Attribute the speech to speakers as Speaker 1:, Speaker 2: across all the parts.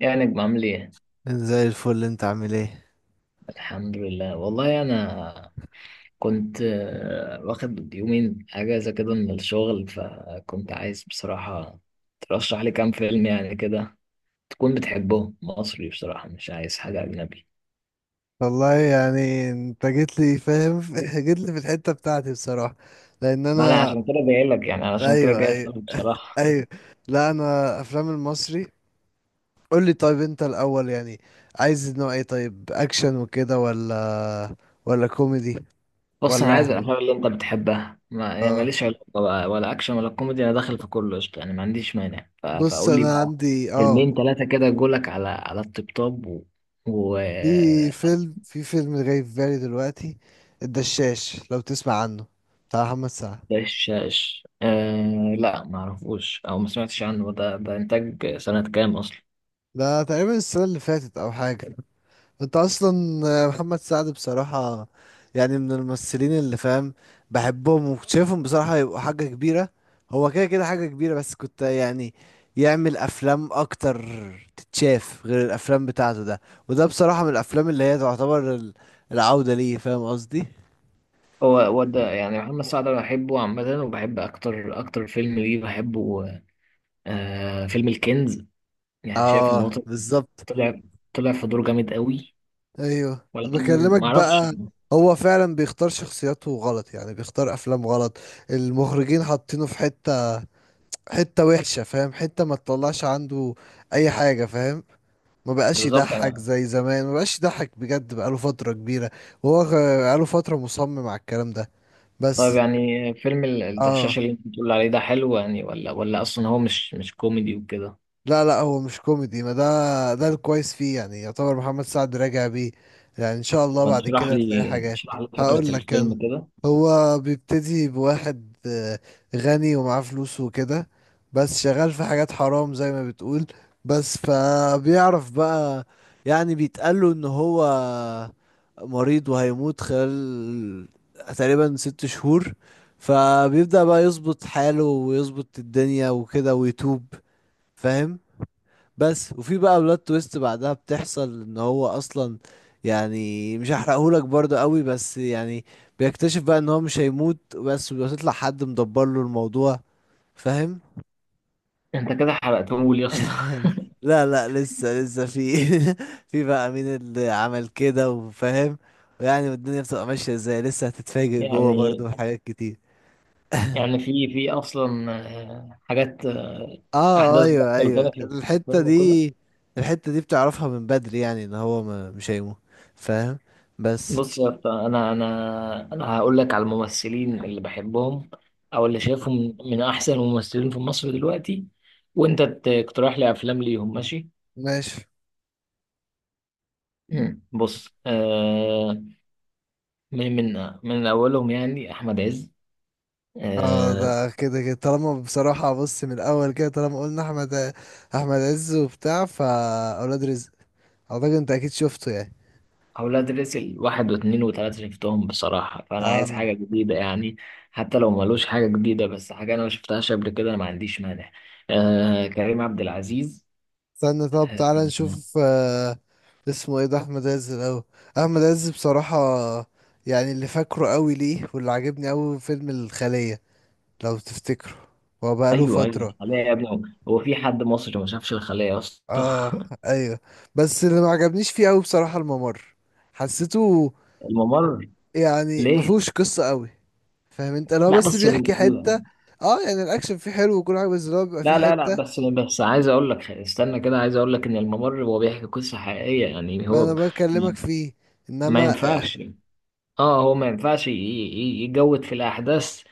Speaker 1: يا نجم عامل ايه؟
Speaker 2: زي الفل. انت عامل ايه؟
Speaker 1: الحمد لله والله انا كنت واخد يومين اجازة كده من الشغل، فكنت عايز بصراحة ترشح لي كام فيلم يعني كده، تكون بتحبهم مصري. بصراحة مش عايز حاجة أجنبي.
Speaker 2: والله يعني انت جيت لي فاهم جيت لي في الحتة بتاعتي بصراحة، لان
Speaker 1: ما أنا
Speaker 2: انا
Speaker 1: عشان كده جاي لك، يعني علشان كده
Speaker 2: ايوه
Speaker 1: جاي
Speaker 2: ايوه
Speaker 1: أسألك بصراحة.
Speaker 2: ايوه. لا انا افلام المصري. قول لي طيب انت الاول، يعني عايز نوع ايه؟ طيب اكشن وكده ولا كوميدي؟
Speaker 1: بص، أنا
Speaker 2: ولا
Speaker 1: عايز الأفلام اللي أنت بتحبها، ما يعني
Speaker 2: اه
Speaker 1: ماليش علاقة بقى، ولا أكشن ولا كوميدي، أنا داخل في كله قشطة يعني، ما عنديش مانع.
Speaker 2: بص
Speaker 1: فقول لي
Speaker 2: انا
Speaker 1: بقى
Speaker 2: عندي
Speaker 1: فيلمين ثلاثة كده، جولك على الطبطاب و.
Speaker 2: في في فيلم جاي في بالي دلوقتي. الدشاش لو تسمع عنه، بتاع محمد سعد.
Speaker 1: ده الشاش، آه لا، ما اعرفوش او ما سمعتش عنه. ده انتاج سنة كام اصلا؟
Speaker 2: ده تقريبا السنة اللي فاتت او حاجة. انت اصلا محمد سعد بصراحة يعني من الممثلين اللي فاهم بحبهم وشايفهم بصراحة يبقوا حاجة كبيرة. هو كده كده حاجة كبيرة، بس كنت يعني يعمل افلام اكتر تتشاف غير الافلام بتاعته ده. وده بصراحة من الافلام اللي هي تعتبر العودة ليه، فاهم قصدي.
Speaker 1: هو ده يعني محمد سعد، انا بحبه عامة، وبحب اكتر اكتر فيلم ليه بحبه فيلم الكنز. يعني شايف ان هو
Speaker 2: اه بالظبط.
Speaker 1: طلع طلع في دور جامد قوي،
Speaker 2: ايوه
Speaker 1: ولكن
Speaker 2: بكلمك
Speaker 1: ما اعرفش
Speaker 2: بقى. هو فعلا بيختار شخصياته غلط، يعني بيختار افلام غلط. المخرجين حاطينه في حتة حتة وحشة، فاهم، حتة ما تطلعش عنده أي حاجة، فاهم. ما بقاش
Speaker 1: بالظبط
Speaker 2: يضحك
Speaker 1: انا.
Speaker 2: زي زمان، ما بقاش يضحك بجد بقاله فترة كبيرة. وهو غ- بقاله فترة مصمم على الكلام ده،
Speaker 1: طيب
Speaker 2: بس.
Speaker 1: يعني فيلم
Speaker 2: اه
Speaker 1: الدشاش اللي انت بتقول عليه ده حلو يعني، ولا اصلا هو مش كوميدي وكده؟
Speaker 2: لا لا هو مش كوميدي. ما ده الكويس فيه، يعني يعتبر محمد سعد راجع بيه. يعني ان شاء الله
Speaker 1: ما
Speaker 2: بعد
Speaker 1: تشرح
Speaker 2: كده تلاقي
Speaker 1: لي،
Speaker 2: حاجات.
Speaker 1: اشرح لي فكرة
Speaker 2: هقول لك انا.
Speaker 1: الفيلم كده.
Speaker 2: هو بيبتدي بواحد غني ومعاه فلوس وكده، بس شغال في حاجات حرام زي ما بتقول. بس فبيعرف بقى، يعني بيتقاله ان هو مريض وهيموت خلال تقريبا 6 شهور. فبيبدأ بقى يظبط حاله ويظبط الدنيا وكده ويتوب، فاهم. بس وفي بقى بلوت تويست بعدها بتحصل ان هو اصلا، يعني مش هحرقهولك برضه قوي بس يعني بيكتشف بقى ان هو مش هيموت، بس بيطلع حد مدبر له الموضوع، فاهم.
Speaker 1: انت كده حرقته لي يا اسطى.
Speaker 2: لا لا لسه في. في بقى مين اللي عمل كده وفاهم، يعني الدنيا بتبقى ماشية ازاي. لسه هتتفاجئ جوه برضه
Speaker 1: يعني
Speaker 2: بحاجات كتير.
Speaker 1: يعني في اصلا حاجات،
Speaker 2: اه
Speaker 1: احداث
Speaker 2: ايوه
Speaker 1: بتحصل
Speaker 2: ايوه
Speaker 1: تاني في الفيلم
Speaker 2: الحتة
Speaker 1: وكده؟
Speaker 2: دي، الحتة دي بتعرفها من بدري، يعني ان هو ما مش هيموت، فاهم، بس.
Speaker 1: بص يا اسطى، انا هقول لك على الممثلين اللي بحبهم، او اللي شايفهم من احسن الممثلين في مصر دلوقتي، وانت تقترح لي افلام ليهم، ماشي؟
Speaker 2: ماشي.
Speaker 1: بص، من اولهم يعني احمد عز.
Speaker 2: اه
Speaker 1: آه.
Speaker 2: ده كده كده طالما بصراحة بص من الأول كده طالما قلنا أحمد عز وبتاع فأولاد رزق. أعتقد أنت أكيد شفته يعني.
Speaker 1: أولاد رزق واحد واتنين وتلاتة شفتهم بصراحة، فأنا عايز
Speaker 2: اه
Speaker 1: حاجة جديدة يعني. حتى لو ملوش حاجة جديدة، بس حاجة أنا ما شفتهاش قبل كده أنا ما عنديش مانع. كريم عبد العزيز،
Speaker 2: استنى، طب
Speaker 1: آه،
Speaker 2: تعالى نشوف اسمه ايه ده؟ أحمد عز الأول. أحمد عز بصراحة يعني اللي فاكره قوي ليه واللي عجبني قوي فيلم الخلية، لو تفتكره. هو بقاله
Speaker 1: أيوه أيوه،
Speaker 2: فترة.
Speaker 1: الخلية يا ابني. هو في حد مصري ما شافش الخلية يا اسطى؟
Speaker 2: اه ايوه. بس اللي ما عجبنيش فيه قوي بصراحة الممر، حسيته
Speaker 1: الممر.
Speaker 2: يعني ما
Speaker 1: ليه؟
Speaker 2: فيهوش قصة قوي. فاهم انت، لو
Speaker 1: لا
Speaker 2: بس
Speaker 1: بس
Speaker 2: بيحكي حتة. اه يعني الاكشن فيه حلو وكل حاجة، بس اللي هو بيبقى فيه
Speaker 1: لا لا لا،
Speaker 2: حتة.
Speaker 1: بس عايز أقول لك، استنى كده، عايز أقول لك إن الممر هو بيحكي قصة حقيقية، يعني
Speaker 2: ما انا
Speaker 1: هو
Speaker 2: بكلمك فيه،
Speaker 1: ما
Speaker 2: انما
Speaker 1: ينفعش. اه هو ما ينفعش يجود في الأحداث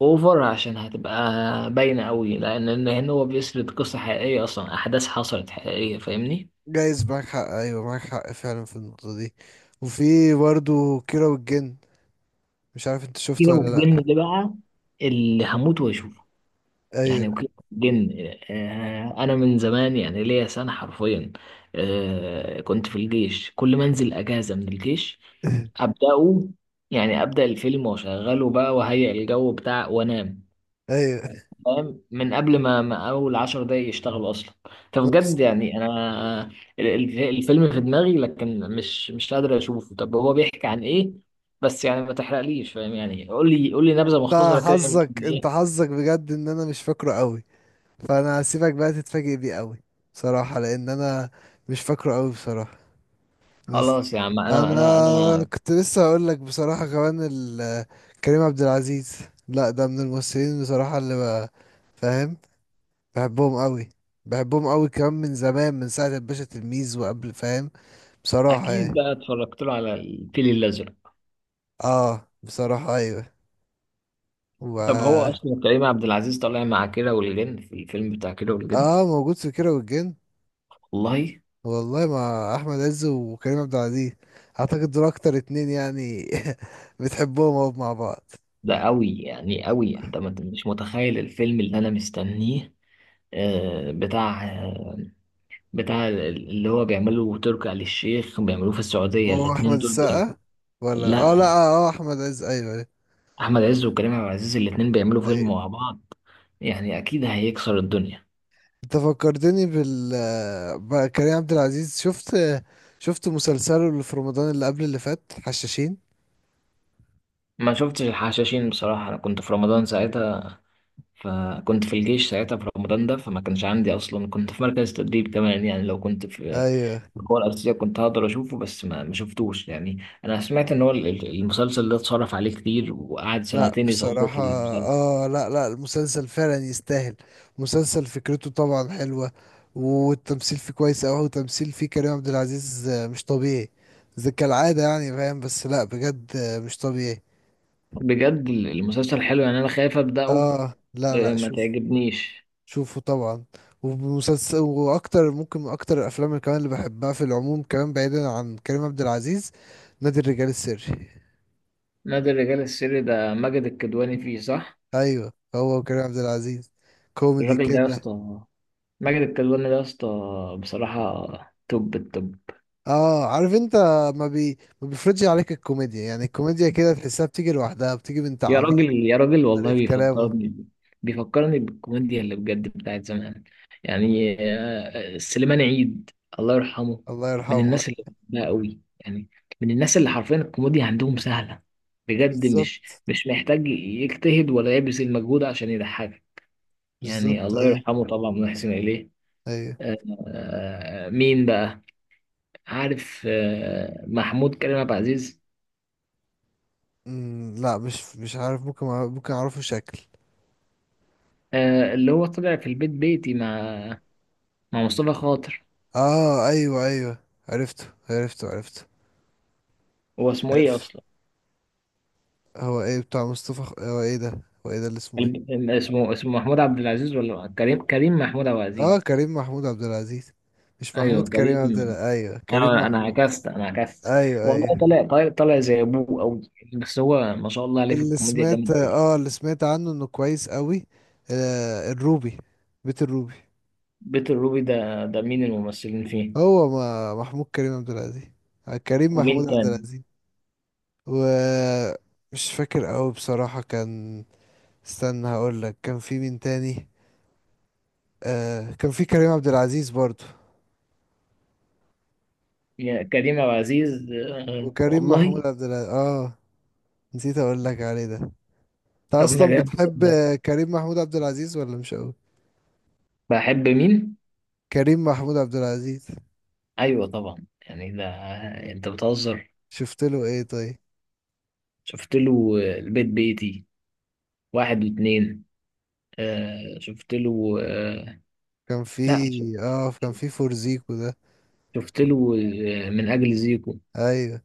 Speaker 1: اوفر، عشان هتبقى باينه قوي، لان إن هنا هو بيسرد قصه حقيقيه، اصلا احداث حصلت حقيقيه، فاهمني؟
Speaker 2: جايز معاك حق، ايوه معاك حق فعلا في النقطة دي. وفي برضه كيرة والجن، مش عارف انت شفته
Speaker 1: كيرة
Speaker 2: ولا
Speaker 1: والجن
Speaker 2: لا.
Speaker 1: ده بقى اللي هموت واشوفه.
Speaker 2: ايوه
Speaker 1: يعني وكيرة والجن، انا من زمان يعني ليا سنه حرفيا، كنت في الجيش، كل ما انزل اجازه من الجيش ابداه، يعني ابدا الفيلم واشغله بقى وهيئ الجو بتاع وانام.
Speaker 2: ايوه.
Speaker 1: فاهم؟ من قبل ما اول عشر دقايق يشتغلوا اصلا.
Speaker 2: نفس.
Speaker 1: فبجد يعني انا، الفيلم في دماغي، لكن مش قادر اشوفه. طب هو بيحكي عن ايه؟ بس يعني ما تحرقليش، فاهم يعني، قول لي نبذه
Speaker 2: انت
Speaker 1: مختصره كده، يمكن
Speaker 2: حظك، انت
Speaker 1: ايه.
Speaker 2: حظك بجد ان انا مش فاكره قوي، فانا هسيبك بقى تتفاجئ بيه قوي. صراحة لان انا مش فاكره قوي بصراحة، بس.
Speaker 1: خلاص يا عم، انا انا
Speaker 2: انا
Speaker 1: انا
Speaker 2: كنت لسه هقول لك بصراحه كمان كريم عبد العزيز. لا ده من الممثلين بصراحه فاهم، بحبهم قوي. بحبهم قوي كمان من زمان، من ساعه الباشا تلميذ وقبل، فاهم. بصراحه
Speaker 1: اكيد
Speaker 2: يعني.
Speaker 1: بقى اتفرجت له على الفيل الازرق.
Speaker 2: اه بصراحه ايوه.
Speaker 1: طب هو
Speaker 2: و
Speaker 1: اصلا كريم عبد العزيز طالع مع كيرة والجن في الفيلم بتاع كيرة والجن؟
Speaker 2: اه موجود في كيرة والجن.
Speaker 1: والله.
Speaker 2: والله مع احمد عز وكريم عبد العزيز، اعتقد دول اكتر اتنين يعني بتحبهم أوي مع بعض.
Speaker 1: ده قوي يعني قوي، انت مش متخيل الفيلم اللي انا مستنيه، آه، بتاع بتاع اللي هو بيعمله تركي آل الشيخ، بيعملوه في السعودية،
Speaker 2: هو احمد
Speaker 1: الاتنين دول بيعمل.
Speaker 2: السقا ولا
Speaker 1: لا،
Speaker 2: اه لا اه آه، احمد عز، ايوه.
Speaker 1: أحمد عز وكريم عبد العزيز الاتنين بيعملوا فيلم
Speaker 2: أيوة.
Speaker 1: مع بعض، يعني أكيد هيكسر الدنيا.
Speaker 2: انت فكرتني بقى كريم عبد العزيز. شفت مسلسله اللي في رمضان اللي قبل اللي فات، حشاشين.
Speaker 1: ما شفتش الحشاشين بصراحة، أنا كنت في رمضان ساعتها، فكنت في الجيش ساعتها في رمضان ده، فما كانش عندي أصلا، كنت في مركز تدريب كمان، يعني لو كنت في
Speaker 2: ايوه
Speaker 1: القوة الأرضية كنت هقدر أشوفه، بس ما شفتوش. يعني أنا سمعت إن هو المسلسل ده اتصرف عليه كتير، وقعد
Speaker 2: لا
Speaker 1: سنتين يصوروا في
Speaker 2: بصراحة.
Speaker 1: المسلسل.
Speaker 2: اه لا لا المسلسل فعلا يستاهل. مسلسل فكرته طبعا حلوة، والتمثيل فيه كويس اوي. وتمثيل فيه كريم عبد العزيز مش طبيعي، زي كالعادة يعني، فاهم. بس لا بجد مش طبيعي.
Speaker 1: بجد المسلسل حلو يعني، أنا خايف أبدأه،
Speaker 2: اه لا لا
Speaker 1: ما
Speaker 2: شوف،
Speaker 1: تعجبنيش.
Speaker 2: شوفه طبعا. ومسلسل، واكتر ممكن اكتر الافلام كمان اللي بحبها في العموم، كمان بعيدا عن كريم عبد العزيز، نادي الرجال السري.
Speaker 1: نادي الرجال السري ده ماجد الكدواني فيه، صح؟
Speaker 2: ايوه، هو وكريم عبد العزيز، كوميدي
Speaker 1: الراجل ده يا
Speaker 2: كده.
Speaker 1: اسطى، ماجد الكدواني ده يا اسطى، بصراحة توب التوب.
Speaker 2: اه عارف انت، ما بيفرضش عليك الكوميديا، يعني الكوميديا كده تحسها بتيجي لوحدها، بتيجي من
Speaker 1: يا
Speaker 2: تعابير،
Speaker 1: راجل يا راجل، والله
Speaker 2: طريقة كلامه.
Speaker 1: بيفكرني بالكوميديا اللي بجد بتاعت زمان، يعني سليمان عيد، الله يرحمه،
Speaker 2: الله
Speaker 1: من
Speaker 2: يرحمه.
Speaker 1: الناس اللي بحبها قوي يعني، من الناس اللي حرفيا الكوميديا عندهم سهلة، بجد مش
Speaker 2: بالظبط.
Speaker 1: مش محتاج يجتهد ولا يبذل مجهود عشان يضحكك، يعني
Speaker 2: بالظبط
Speaker 1: الله
Speaker 2: ايوه.
Speaker 1: يرحمه طبعا ونحسن إليه.
Speaker 2: ايوه.
Speaker 1: مين بقى؟ عارف محمود كريم عبد العزيز؟
Speaker 2: لا مش عارف، ممكن ممكن اعرفه شكل.
Speaker 1: اللي هو طلع في البيت بيتي مع مصطفى خاطر.
Speaker 2: اه ايوه ايوه، عرفته عرفته. عرفته
Speaker 1: هو اسمه ايه
Speaker 2: عرفته.
Speaker 1: اصلا؟
Speaker 2: هو ايه بتاع مصطفى هو ايه ده، اللي اسمه ايه؟
Speaker 1: اسمه محمود عبد العزيز ولا كريم محمود عبد
Speaker 2: اه
Speaker 1: العزيز؟
Speaker 2: كريم محمود عبد العزيز. مش محمود
Speaker 1: ايوه
Speaker 2: كريم
Speaker 1: كريم،
Speaker 2: عبد
Speaker 1: أيوه،
Speaker 2: الع... ايوه كريم
Speaker 1: انا انا
Speaker 2: محمود.
Speaker 1: عكست، انا عكست.
Speaker 2: ايوه
Speaker 1: والله
Speaker 2: ايوه.
Speaker 1: طلع زي ابوه قوي، بس هو ما شاء الله عليه في الكوميديا جامد قوي.
Speaker 2: اللي سمعت عنه انه كويس قوي. الروبي، بيت الروبي.
Speaker 1: بيت الروبي ده مين الممثلين فيه؟
Speaker 2: هو ما محمود كريم عبد العزيز، كريم
Speaker 1: ومين
Speaker 2: محمود عبد
Speaker 1: تاني؟
Speaker 2: العزيز. ومش فاكر قوي بصراحة، كان. استنى هقول لك، كان في مين تاني. كان في كريم عبد العزيز برضو.
Speaker 1: يا كريم عبد العزيز،
Speaker 2: وكريم
Speaker 1: والله.
Speaker 2: محمود عبد العزيز، اه، نسيت اقول لك عليه ده. انت
Speaker 1: طب ما
Speaker 2: اصلا بتحب
Speaker 1: جامد.
Speaker 2: كريم محمود عبد العزيز ولا مش قوي؟
Speaker 1: بحب مين؟
Speaker 2: كريم محمود عبد العزيز.
Speaker 1: أيوة طبعا يعني ده، أنت بتهزر.
Speaker 2: شفت له ايه طيب؟
Speaker 1: شفت له البيت بيتي واحد واتنين، شفت له.
Speaker 2: كان في
Speaker 1: لا
Speaker 2: اه كان في فورزيكو ده.
Speaker 1: شفت له من أجل زيكو.
Speaker 2: ايوه.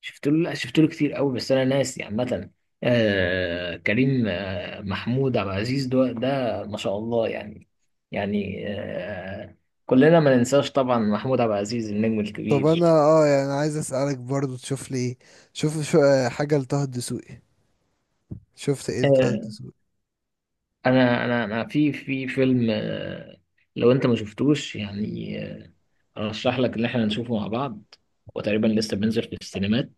Speaker 1: شفت له. لا شفت له كتير قوي، بس أنا ناسي عامة. كريم محمود عبد العزيز ده, ما شاء الله يعني، يعني، كلنا ما ننساش طبعا محمود عبد العزيز النجم
Speaker 2: طب انا
Speaker 1: الكبير.
Speaker 2: يعني عايز اسالك برضو تشوف لي ايه. شوف شو آه، حاجه لطه الدسوقي. شفت ايه لطه
Speaker 1: آه،
Speaker 2: الدسوقي؟
Speaker 1: انا في في فيلم، لو انت ما شفتوش يعني، ارشح لك ان احنا نشوفه مع بعض، وتقريبا لسه بينزل في السينمات.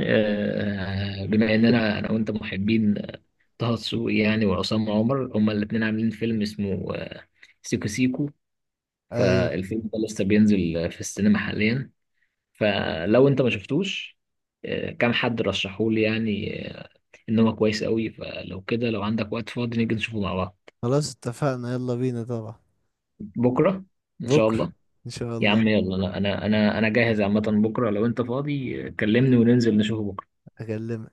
Speaker 1: بما اننا انا وانت محبين طه دسوقي يعني، وعصام عمر هما الاثنين عاملين فيلم اسمه سيكو سيكو.
Speaker 2: ايوه.
Speaker 1: فالفيلم ده لسه بينزل في السينما حاليا، فلو انت ما شفتوش، كام حد رشحولي يعني، ان هو كويس قوي، فلو كده لو عندك وقت فاضي نيجي نشوفه مع بعض.
Speaker 2: خلاص اتفقنا، يلا بينا طبعا.
Speaker 1: بكره ان شاء
Speaker 2: بكره،
Speaker 1: الله.
Speaker 2: ان شاء
Speaker 1: يا
Speaker 2: الله.
Speaker 1: عم يلا، لا، انا جاهز عامه، بكره لو انت فاضي كلمني وننزل نشوفه بكره.
Speaker 2: اكلمك.